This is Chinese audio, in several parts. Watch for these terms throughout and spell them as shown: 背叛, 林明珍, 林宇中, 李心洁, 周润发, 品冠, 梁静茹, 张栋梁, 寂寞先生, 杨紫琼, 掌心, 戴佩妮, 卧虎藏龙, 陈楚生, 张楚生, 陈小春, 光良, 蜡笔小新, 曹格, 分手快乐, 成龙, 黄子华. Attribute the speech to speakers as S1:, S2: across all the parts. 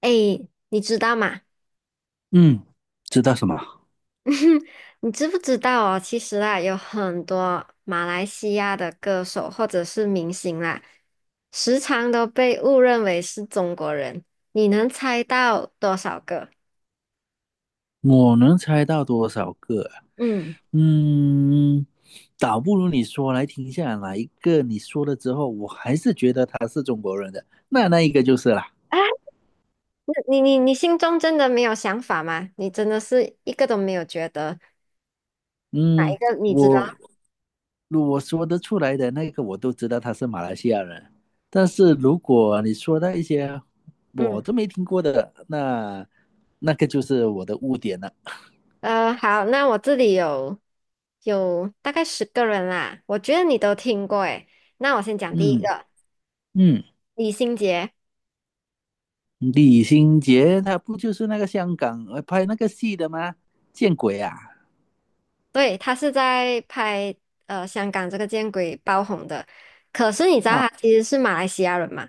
S1: 哎，你知道吗？
S2: 嗯，知道什么？
S1: 你知不知道哦？其实啊，有很多马来西亚的歌手或者是明星啦，时常都被误认为是中国人。你能猜到多少个？
S2: 我能猜到多少个啊
S1: 嗯，
S2: 嗯，倒不如你说来听一下哪一个你说了之后，我还是觉得他是中国人的，那那一个就是啦。
S1: 啊，你心中真的没有想法吗？你真的是一个都没有觉得哪一
S2: 嗯，
S1: 个你知道？
S2: 我我说得出来的那个我都知道他是马来西亚人，但是如果你说到一些我
S1: 嗯，
S2: 都没听过的，那那个就是我的污点了。
S1: 好，那我这里有大概十个人啦，我觉得你都听过诶。那我先讲第一
S2: 嗯
S1: 个，
S2: 嗯。
S1: 李心洁。
S2: 李心洁她不就是那个香港拍那个戏的吗？见鬼啊！
S1: 对，他是在拍香港这个见鬼爆红的，可是你知道
S2: 啊哦，
S1: 他其实是马来西亚人吗？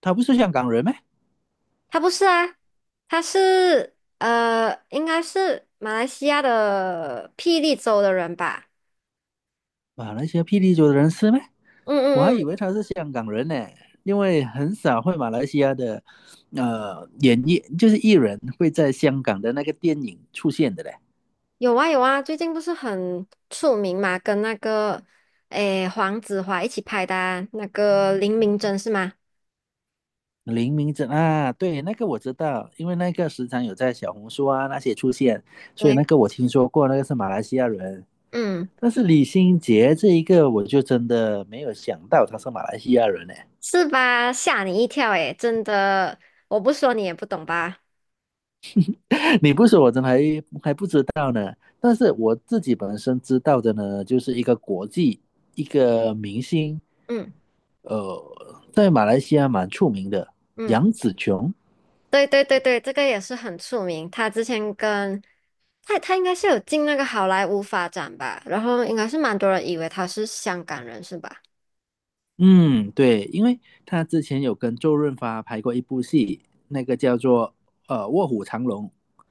S2: 她不是香港人吗？
S1: 他不是啊，他是应该是马来西亚的霹雳州的人吧？
S2: 马来西亚霹雳州的人是吗？
S1: 嗯
S2: 我还
S1: 嗯
S2: 以
S1: 嗯，
S2: 为她是香港人呢，因为很少会马来西亚的演艺就是艺人会在香港的那个电影出现的嘞。
S1: 有啊有啊，最近不是很出名嘛，跟那个诶黄子华一起拍的啊那个林明珍是吗？
S2: 林明珍啊，对，那个我知道，因为那个时常有在小红书啊那些出现，所以那
S1: 对，
S2: 个我听说过，那个是马来西亚人。
S1: 嗯，
S2: 但是李心洁这一个，我就真的没有想到他是马来西亚人呢。
S1: 是吧？吓你一跳诶，真的，我不说你也不懂吧？
S2: 你不说，我真的还不知道呢。但是我自己本身知道的呢，就是一个国际一个明星，
S1: 嗯
S2: 呃，在马来西亚蛮出名的
S1: 嗯。
S2: 杨紫琼。
S1: 对对对对，这个也是很出名。他之前跟他应该是有进那个好莱坞发展吧，然后应该是蛮多人以为他是香港人是吧？
S2: 嗯，对，因为他之前有跟周润发拍过一部戏，那个叫做《卧虎藏龙》，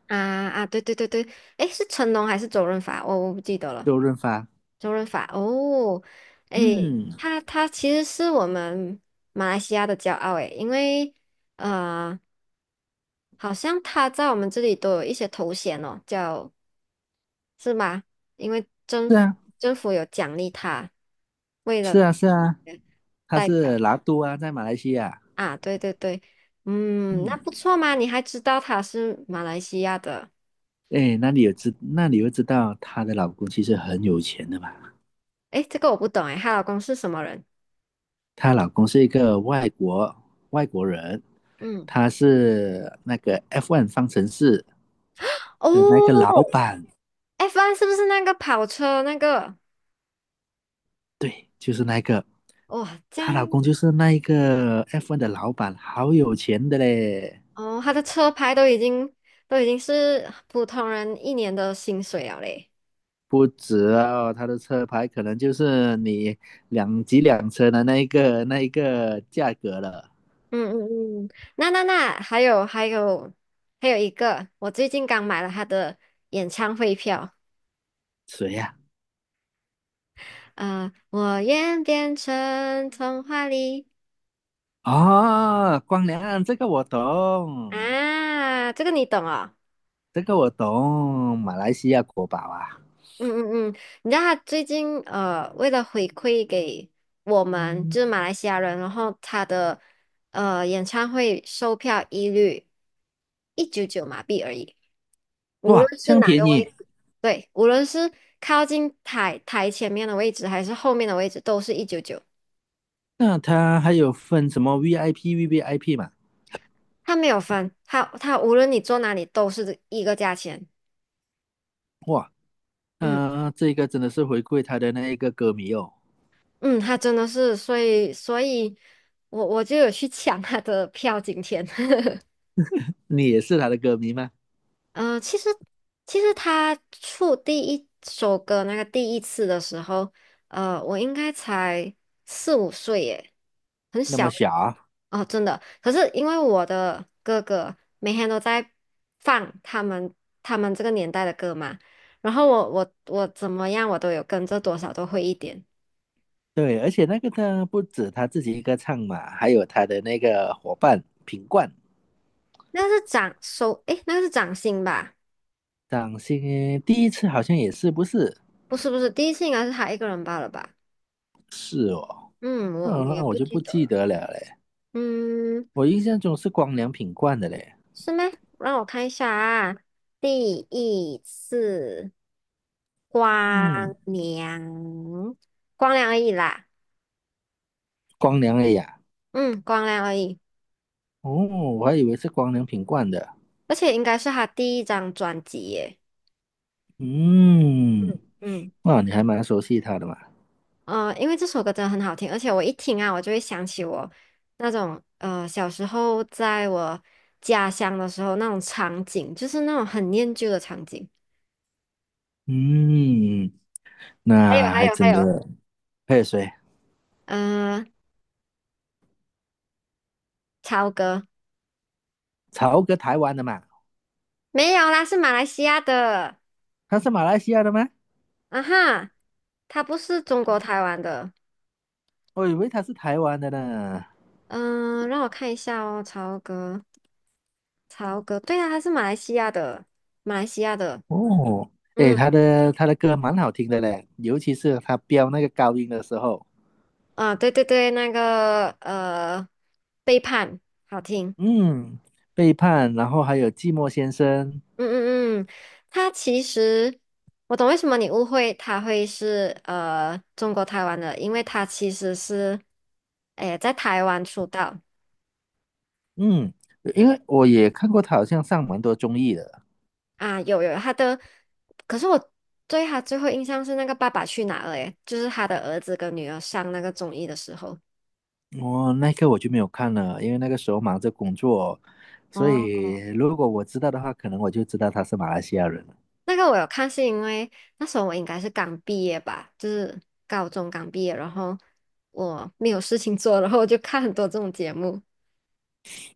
S1: 啊啊，对对对对，诶，是成龙还是周润发？我不记得了。
S2: 周润发。
S1: 周润发哦，诶，
S2: 嗯，
S1: 他其实是我们马来西亚的骄傲诶，因为呃，好像他在我们这里都有一些头衔哦，叫是吗？因为
S2: 是啊，
S1: 政府有奖励他，为了
S2: 是啊，是啊，他
S1: 代表
S2: 是拿督啊，在马来西亚。
S1: 啊，对对对，嗯，那
S2: 嗯，
S1: 不错嘛，你还知道他是马来西亚的，
S2: 哎，那你又知道她的老公其实很有钱的嘛？
S1: 诶，这个我不懂诶，她老公是什么人？
S2: 她老公是一个外国人，
S1: 嗯，
S2: 他是那个 F1 方程式的那个
S1: 哦
S2: 老板。
S1: ，F1 是不是那个跑车那个？
S2: 对，就是那个，
S1: 哇，这
S2: 她
S1: 样
S2: 老公就是那一个 FE 的老板，好有钱的嘞。
S1: 哦，他的车牌都已经是普通人一年的薪水了嘞。
S2: 不止哦，他的车牌可能就是你两几辆车的那一个价格了。
S1: 嗯嗯嗯，那还有还有一个，我最近刚买了他的演唱会票，
S2: 谁呀、
S1: 我愿变成童话里
S2: 哦，光良，这个我懂，
S1: 啊，这个你懂哦。
S2: 这个我懂，马来西亚国宝啊，
S1: 嗯嗯嗯，你知道他最近为了回馈给我们就是马来西亚人，然后他的演唱会售票一律一九九马币而已。无
S2: 哇，
S1: 论
S2: 这
S1: 是
S2: 样
S1: 哪
S2: 便
S1: 个位
S2: 宜。
S1: 置，对，无论是靠近台前面的位置还是后面的位置，都是一九九，
S2: 那他还有分什么 VIP、VVIP 嘛？
S1: 他没有分，他无论你坐哪里都是一个价钱。
S2: 哇，
S1: 嗯
S2: 嗯，这个真的是回馈他的那一个歌迷哦。
S1: 嗯，他真的是，所以我就有去抢他的票，今天。
S2: 你也是他的歌迷吗？
S1: 其实,其实他出第一首歌那个第一次的时候，我应该才四五岁耶，很
S2: 那
S1: 小
S2: 么小，啊。
S1: 哦，真的。可是因为我的哥哥每天都在放他们这个年代的歌嘛，然后我怎么样我都有跟着多少都会一点。
S2: 对，而且那个他不止他自己一个唱嘛，还有他的那个伙伴品冠，
S1: 那个是掌手，诶，那个是掌心吧？
S2: 掌心第一次好像也是不是？
S1: 不是，第一次应该是他一个人罢了吧？
S2: 是哦，
S1: 嗯，我
S2: 哦，
S1: 我也
S2: 那我
S1: 不
S2: 就
S1: 记
S2: 不
S1: 得
S2: 记
S1: 了。
S2: 得了嘞。
S1: 嗯，
S2: 我印象中是光良品冠的嘞，
S1: 是吗？让我看一下啊，第一次光
S2: 嗯，
S1: 良，光良而已啦，
S2: 光良哎呀，
S1: 嗯，光良而已，
S2: 哦，我还以为是光良品冠的，
S1: 而且应该是他第一张专辑耶，
S2: 嗯，
S1: 嗯，
S2: 哇，你还蛮熟悉他的嘛，
S1: 因为这首歌真的很好听，而且我一听啊，我就会想起我那种小时候在我家乡的时候那种场景，就是那种很念旧的场景。
S2: 嗯，那还
S1: 还
S2: 真
S1: 有，
S2: 的，还有谁？
S1: 呃，超哥
S2: 曹格台湾的嘛，
S1: 没有啦，是马来西亚的。
S2: 他是马来西亚的吗？
S1: 啊哈，他不是中国台湾的。
S2: 我以为他是台湾的呢。
S1: 嗯，让我看一下哦，曹格，曹格，对啊，他是马来西亚的，马来西亚的。
S2: 哦，诶，
S1: 嗯，
S2: 他的歌蛮好听的嘞，尤其是他飙那个高音的时候，
S1: 啊，对对对，背叛，好听。
S2: 嗯，背叛，然后还有寂寞先生，
S1: 嗯嗯嗯，他其实我懂为什么你误会他会是中国台湾的，因为他其实是，哎，在台湾出道。
S2: 嗯，因为我也看过他好像上蛮多综艺的，
S1: 啊，有他的，可是我对他最后印象是那个《爸爸去哪儿》诶，就是他的儿子跟女儿上那个综艺的时候，
S2: 我那个我就没有看了，因为那个时候忙着工作，所
S1: 哦，
S2: 以如果我知道的话，可能我就知道他是马来西亚人。
S1: 那个我有看，是因为那时候我应该是刚毕业吧，就是高中刚毕业，然后我没有事情做，然后我就看很多这种节目。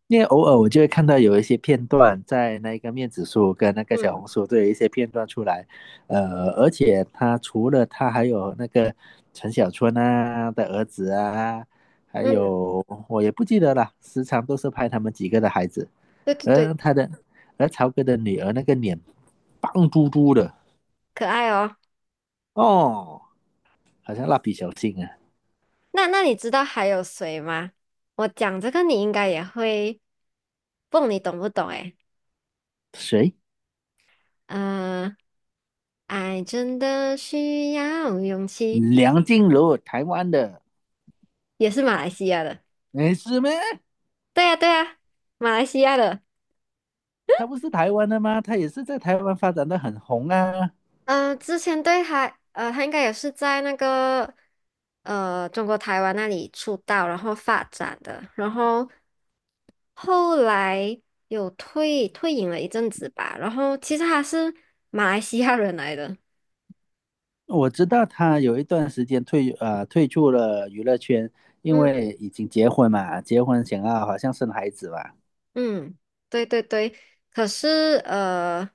S2: 因为偶尔我就会看到有一些片段在那个面子书跟那个小
S1: 嗯
S2: 红书都有一些片段出来，而且他除了他还有那个陈小春啊的儿子啊，还
S1: 嗯，
S2: 有我也不记得了，时常都是拍他们几个的孩子，
S1: 对对对，
S2: 而他的而曹哥的女儿那个脸胖嘟嘟的
S1: 可爱哦。
S2: 哦，好像蜡笔小新啊，
S1: 那你知道还有谁吗？我讲这个你应该也会，不，你懂不懂？诶。
S2: 谁？
S1: 呃，爱真的需要勇气，
S2: 梁静茹，台湾的，
S1: 也是马来西亚的。
S2: 没事吗？
S1: 对呀，对呀，马来西亚的。
S2: 他不是台湾的吗？他也是在台湾发展的很红啊。
S1: 嗯、之前对他，他应该也是在那个中国台湾那里出道，然后发展的，然后后来有退隐了一阵子吧。然后其实他是马来西亚人来的。
S2: 我知道他有一段时间退出了娱乐圈，因
S1: 嗯。
S2: 为已经结婚嘛，结婚想要好像生孩子吧。
S1: 嗯，对对对，可是呃，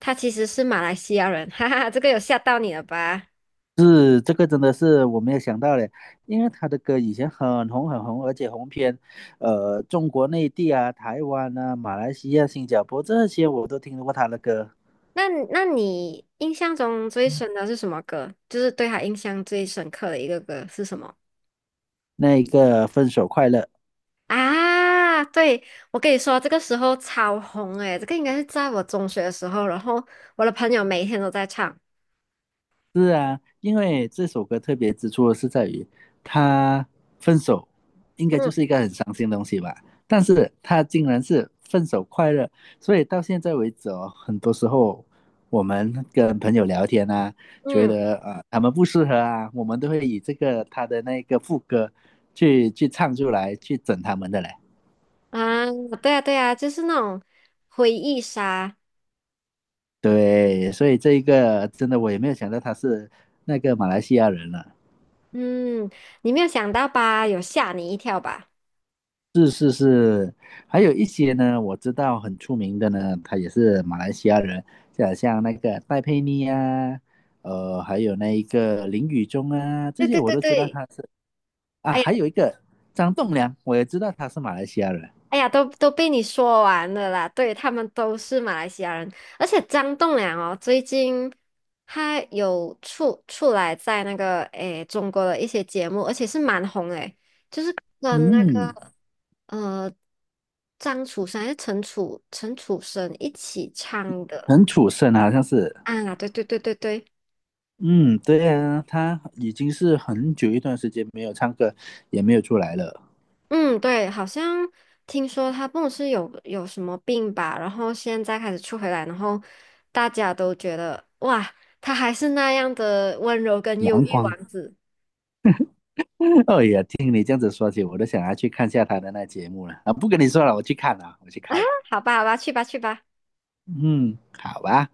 S1: 他其实是马来西亚人，哈哈，这个有吓到你了吧？
S2: 是这个真的是我没有想到嘞，因为他的歌以前很红很红，而且红遍中国内地啊、台湾啊、马来西亚、新加坡这些我都听过他的歌。
S1: 那那你印象中最深的是什么歌？就是对他印象最深刻的一个歌是什么？
S2: 那一个分手快乐，
S1: 啊，对，我跟你说，这个时候超红诶，这个应该是在我中学的时候，然后我的朋友每一天都在唱。
S2: 是啊，因为这首歌特别之处是在于，他分手应该就是一
S1: 嗯
S2: 个很伤心的东西吧，但是他竟然是分手快乐，所以到现在为止哦，很多时候我们跟朋友聊天啊，觉
S1: 嗯
S2: 得他们不适合啊，我们都会以这个他的那个副歌去唱出来，去整他们的嘞。
S1: 啊，对啊对啊，就是那种回忆杀。
S2: 对，所以这一个真的我也没有想到他是那个马来西亚人了。
S1: 嗯，你没有想到吧？有吓你一跳吧？
S2: 是是是，还有一些呢，我知道很出名的呢，他也是马来西亚人，就好像那个戴佩妮啊，还有那一个林宇中啊，这
S1: 对
S2: 些
S1: 对
S2: 我
S1: 对
S2: 都知道
S1: 对，
S2: 他是啊，
S1: 哎呀
S2: 还有一个张栋梁，我也知道他是马来西亚人，
S1: 哎呀，都被你说完了啦。对，他们都是马来西亚人，而且张栋梁哦，最近他有出来在那个诶中国的一些节目，而且是蛮红诶，就是跟那
S2: 嗯，
S1: 个呃张楚生还是陈楚生一起唱的
S2: 陈楚生啊好像是，
S1: 啊，对对对对对。
S2: 嗯，对啊，他已经是很久一段时间没有唱歌，也没有出来了。
S1: 嗯，对，好像听说他不是有什么病吧，然后现在开始出回来，然后大家都觉得哇，他还是那样的温柔跟忧
S2: 阳
S1: 郁
S2: 光，
S1: 王子。
S2: 哎呀，听你这样子说起，我都想要去看一下他的那节目了啊！不跟你说了，我去看了，我去看了。
S1: 好吧，好吧，去吧，去吧。
S2: 嗯，好吧。